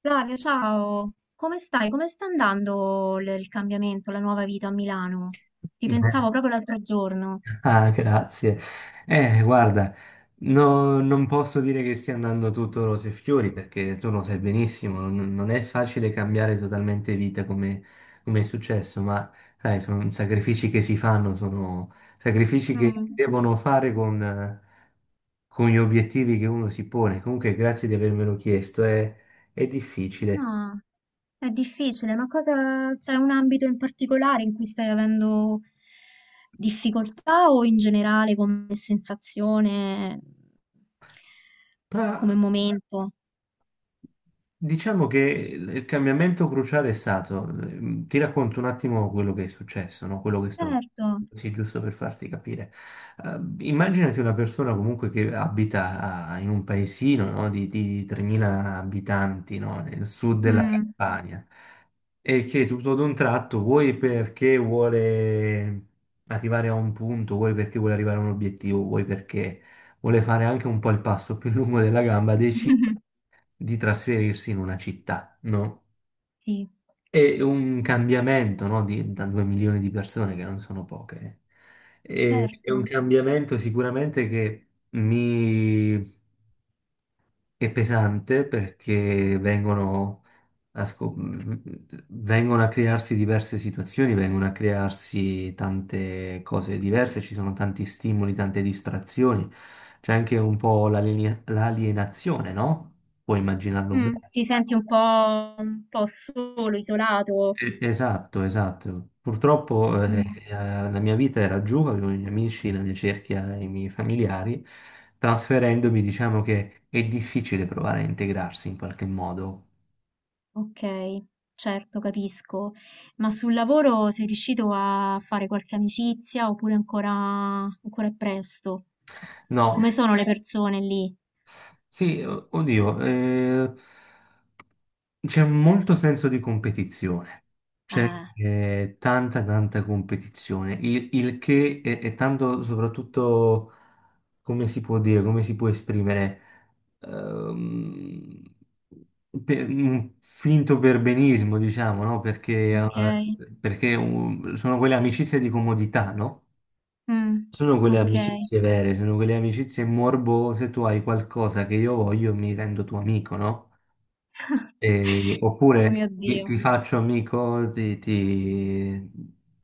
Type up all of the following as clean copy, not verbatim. Flavio, ciao, come stai? Come sta andando il cambiamento, la nuova vita a Milano? Ti Beh. pensavo proprio l'altro giorno. Ah, grazie. Guarda, no- Non posso dire che stia andando tutto rose e fiori, perché tu lo sai benissimo, non è facile cambiare totalmente vita come, come è successo, ma sai, sono sacrifici che si fanno, sono sacrifici che si Mm. devono fare con gli obiettivi che uno si pone. Comunque, grazie di avermelo chiesto, è difficile. No, è difficile, ma cosa, c'è un ambito in particolare in cui stai avendo difficoltà o in generale come sensazione, come momento? Diciamo che il cambiamento cruciale è stato, ti racconto un attimo quello che è successo, no? Quello che sto, Certo. sì, giusto per farti capire. Immaginati una persona comunque che in un paesino, no? Di 3.000 abitanti, no? Nel sud della Mm. Campania, e che tutto ad un tratto, vuoi perché vuole arrivare a un punto, vuoi perché vuole arrivare a un obiettivo, vuoi perché vuole fare anche un po' il passo più lungo della gamba, decide di trasferirsi in una città, no? Sì, È un cambiamento, no? Da 2 milioni di persone, che non sono poche. Eh. È un certo. cambiamento sicuramente che mi è pesante, perché vengono a, scop- vengono a crearsi diverse situazioni, vengono a crearsi tante cose diverse, ci sono tanti stimoli, tante distrazioni, c'è anche un po' l'alienazione, no? Puoi immaginarlo Mm. bene. Ti senti un po' solo, isolato. Esatto, esatto. Purtroppo Mh, la mia vita era giù, avevo i miei amici, la mia cerchia, i miei familiari. Trasferendomi, diciamo che è difficile provare a integrarsi in qualche modo. okay, certo, capisco. Ma sul lavoro sei riuscito a fare qualche amicizia oppure ancora è presto? No, Come sono le persone lì? sì, oddio, c'è molto senso di competizione. C'è Eh, tanta competizione, il che è tanto soprattutto. Come si può dire, come si può esprimere, ehm, un finto perbenismo, diciamo, no? Perché, okay. perché sono quelle amicizie di comodità, no? Mh, Sono quelle okay. amicizie vere, sono quelle amicizie morbose, tu hai qualcosa che io voglio e mi rendo tuo amico, no? Oh mio Oppure Dio. ti faccio amico, ti, ti-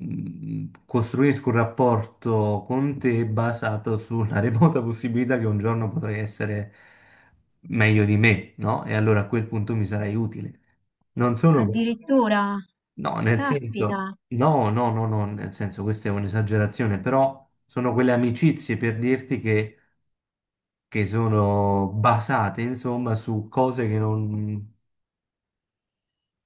mm, costruisco un rapporto con te basato sulla remota possibilità che un giorno potrai essere meglio di me, no? E allora a quel punto mi sarai utile. Non solo questo, Addirittura? no, nel senso, Caspita. no, no, no, no, nel senso, questa è un'esagerazione, però sono quelle amicizie per dirti che sono basate, insomma, su cose che non...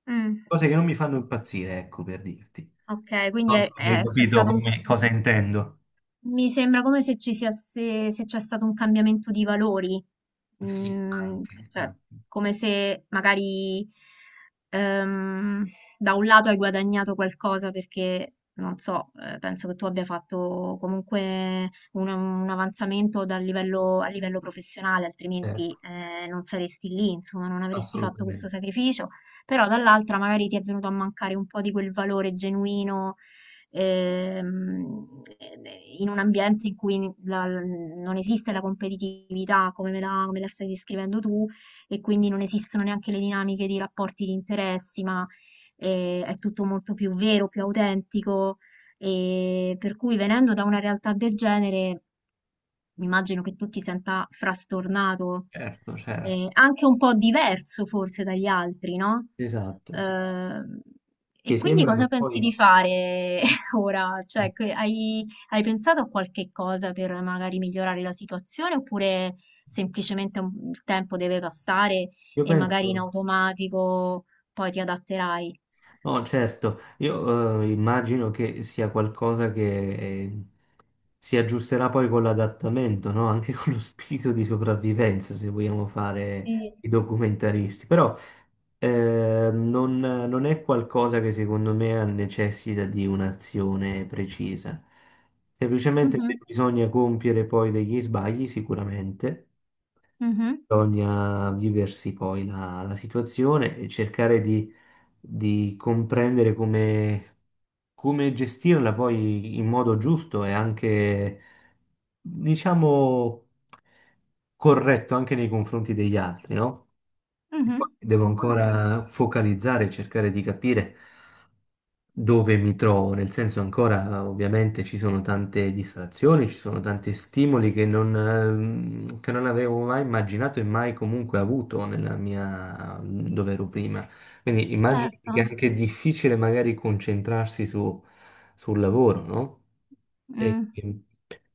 Mh, Cose che non mi fanno impazzire, ecco, per dirti. okay, quindi Non so se hai, sì, è c'è stato un. Cosa intendo. Mi sembra come se ci sia, se c'è stato un cambiamento di valori, Sì, Mm, anche, cioè anche, come se magari ehm, da un lato hai guadagnato qualcosa perché, non so, penso che tu abbia fatto comunque un avanzamento dal livello, a livello professionale, certo, altrimenti non saresti lì, insomma, non avresti fatto questo assolutamente. sacrificio, però dall'altra magari ti è venuto a mancare un po' di quel valore genuino ehm, eh, in un ambiente in cui non esiste la competitività come la stai descrivendo tu e quindi non esistono neanche le dinamiche di rapporti di interessi, ma è tutto molto più vero, più autentico. E per cui venendo da una realtà del genere, immagino che tu ti senta frastornato, Certo, certo. Anche un po' diverso forse dagli altri, no? Esatto, sì. Ehm, Che e quindi sembrano cosa pensi poi... di fare ora? Cioè, hai pensato a qualche cosa per magari migliorare la situazione oppure semplicemente il tempo deve passare Io e magari in penso... automatico poi ti adatterai? Oh, certo, io immagino che sia qualcosa che eh, si aggiusterà poi con l'adattamento, no? Anche con lo spirito di sopravvivenza, se vogliamo fare Sì. i documentaristi. Però non è qualcosa che secondo me ha necessita di un'azione precisa. Semplicemente Mhm, bisogna compiere poi degli sbagli, sicuramente. mhm, Bisogna viversi poi la situazione e cercare di comprendere come, come gestirla poi in modo giusto e anche, diciamo, corretto anche nei confronti degli altri, no? E mhm. poi devo Mm, ancora focalizzare e cercare di capire dove mi trovo, nel senso ancora ovviamente ci sono tante distrazioni, ci sono tanti stimoli che non avevo mai immaginato e mai comunque avuto nella mia, dove ero prima. Quindi immagini che è certo. anche difficile magari sul lavoro, no? E, Mm, e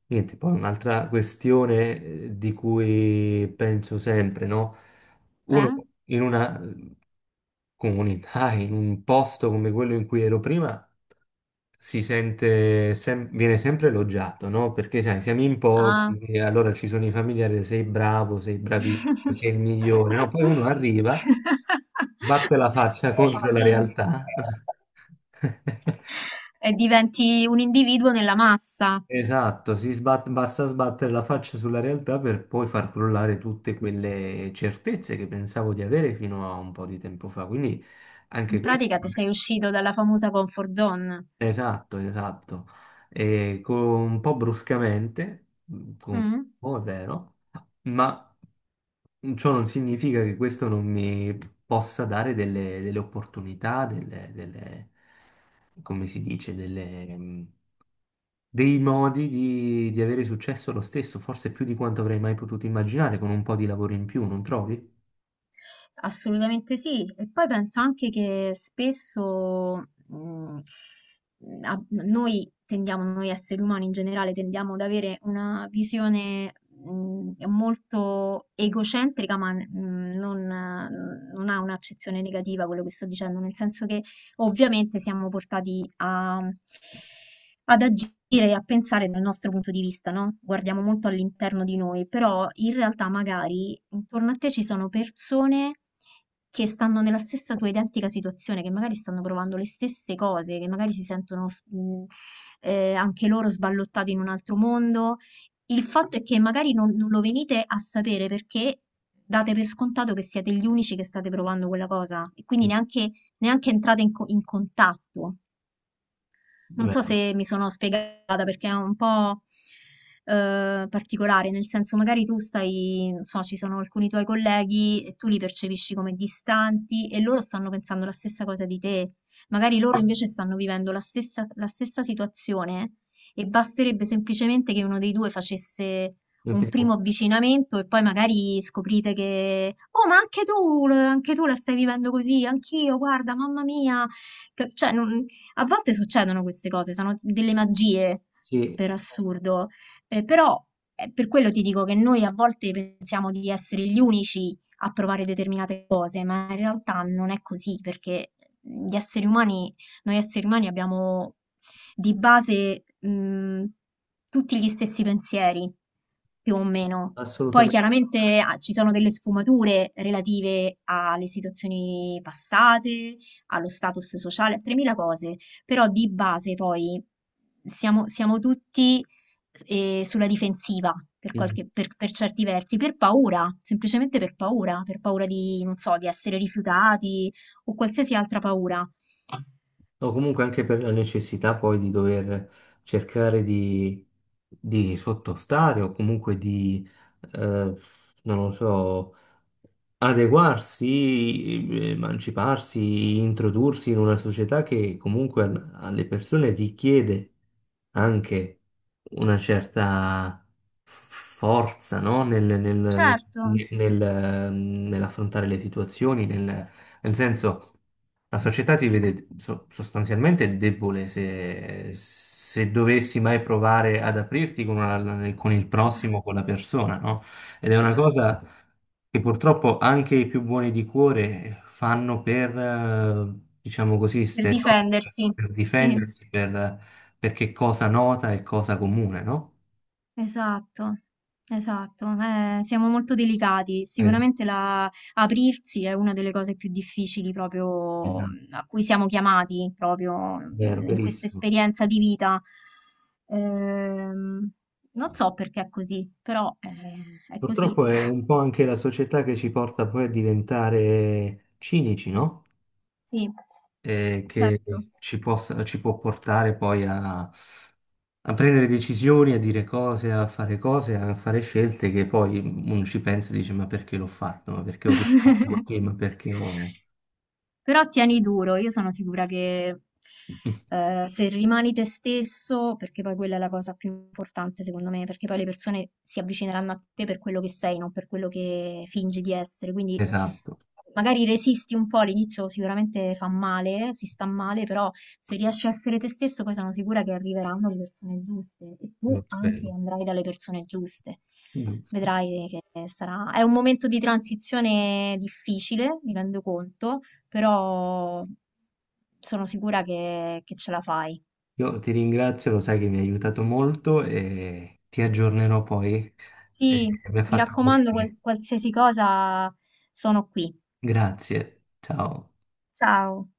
niente, poi un'altra questione di cui penso sempre, no? Uno eh? in una comunità, in un posto come quello in cui ero prima, viene sempre elogiato, no? Perché sai, siamo in Ah. pochi, e allora ci sono i familiari, sei bravo, sei bravissimo, sei il migliore, no? Poi uno arriva. Sbatte la faccia Sì, contro la sì. realtà. E diventi un individuo nella massa. Esatto, basta sbattere la faccia sulla realtà per poi far crollare tutte quelle certezze che pensavo di avere fino a un po' di tempo fa. Quindi anche In questo. pratica ti sei uscito dalla famosa comfort zone. Esatto, esatto. E con- un po' bruscamente, Mm, confermo, è vero, ma ciò non significa che questo non mi possa dare delle, delle opportunità, come si dice, delle, dei modi di avere successo lo stesso, forse più di quanto avrei mai potuto immaginare, con un po' di lavoro in più, non trovi? assolutamente sì. E poi penso anche che spesso mm, noi tendiamo, noi esseri umani in generale, tendiamo ad avere una visione molto egocentrica, ma non ha un'accezione negativa quello che sto dicendo, nel senso che ovviamente siamo portati ad agire e a pensare dal nostro punto di vista, no? Guardiamo molto all'interno di noi, però in realtà magari intorno a te ci sono persone che stanno nella stessa tua identica situazione, che magari stanno provando le stesse cose, che magari si sentono anche loro sballottati in un altro mondo. Il fatto è che magari non lo venite a sapere perché date per scontato che siete gli unici che state provando quella cosa e quindi neanche entrata in contatto. Non so Vero. se mi sono spiegata perché è un po' particolare, nel senso magari tu stai, non so, ci sono alcuni tuoi colleghi e tu li percepisci come distanti e loro stanno pensando la stessa cosa di te. Magari loro invece stanno vivendo la stessa situazione e basterebbe semplicemente che uno dei due facesse un primo avvicinamento e poi magari scoprite che, oh, ma anche tu la stai vivendo così, anch'io, guarda, mamma mia. Cioè, non, a volte succedono queste cose, sono delle magie, Sì, per assurdo, però, per quello ti dico che noi a volte pensiamo di essere gli unici a provare determinate cose, ma in realtà non è così, perché gli esseri umani noi esseri umani abbiamo di base, tutti gli stessi pensieri, più o meno. Poi assolutamente. chiaramente a ci sono delle sfumature relative alle situazioni passate, allo status sociale, a 3.000 cose, però di base poi siamo tutti, sulla difensiva per certi versi, per paura, semplicemente per paura di, non so, di essere rifiutati o qualsiasi altra paura. O comunque anche per la necessità poi di dover cercare di sottostare o comunque di, eh, non lo so, adeguarsi, emanciparsi, introdursi in una società che comunque alle persone richiede anche una certa forza, no? Certo, Nell'affrontare le situazioni, nel nel senso. La società ti vede sostanzialmente debole se, se dovessi mai provare ad aprirti con, con il prossimo, con la persona, no? Ed è una cosa che purtroppo anche i più buoni di cuore fanno per, diciamo così, per stereotipo, difendersi, per sì. difendersi, per, perché cosa nota e cosa comune, no? Esatto, esatto, siamo molto delicati. Esatto. Sicuramente aprirsi è una delle cose più difficili proprio Esatto. A cui siamo chiamati proprio Vero, in questa verissimo. esperienza di vita. Ehm, Non so perché è così, però è così. Purtroppo è un po' anche la società che ci porta poi a diventare cinici, no? Sì, Eh, che certo. Ci può portare poi a, a prendere decisioni, a dire cose, a fare scelte che poi uno ci pensa e dice: ma perché l'ho fatto? Ma perché ho risposto così? Ma perché ho... Però tieni duro, io sono sicura che se rimani te stesso, perché poi quella è la cosa più importante secondo me, perché poi le persone si avvicineranno a te per quello che sei, non per quello che fingi di essere. Quindi Esatto, magari resisti un po', all'inizio sicuramente fa male, si sta male, però se riesci a essere te stesso, poi sono sicura che arriveranno le persone giuste e lo tu anche spero. andrai dalle persone giuste. Giusto. Vedrai che sarà. È un momento di transizione difficile, mi rendo conto, però sono sicura che ce la fai. Io ti ringrazio, lo sai che mi hai aiutato molto, e ti aggiornerò poi. Eh, Sì, mi ha mi fatto raccomando, piacere. qualsiasi cosa sono qui. Grazie, ciao. Ciao.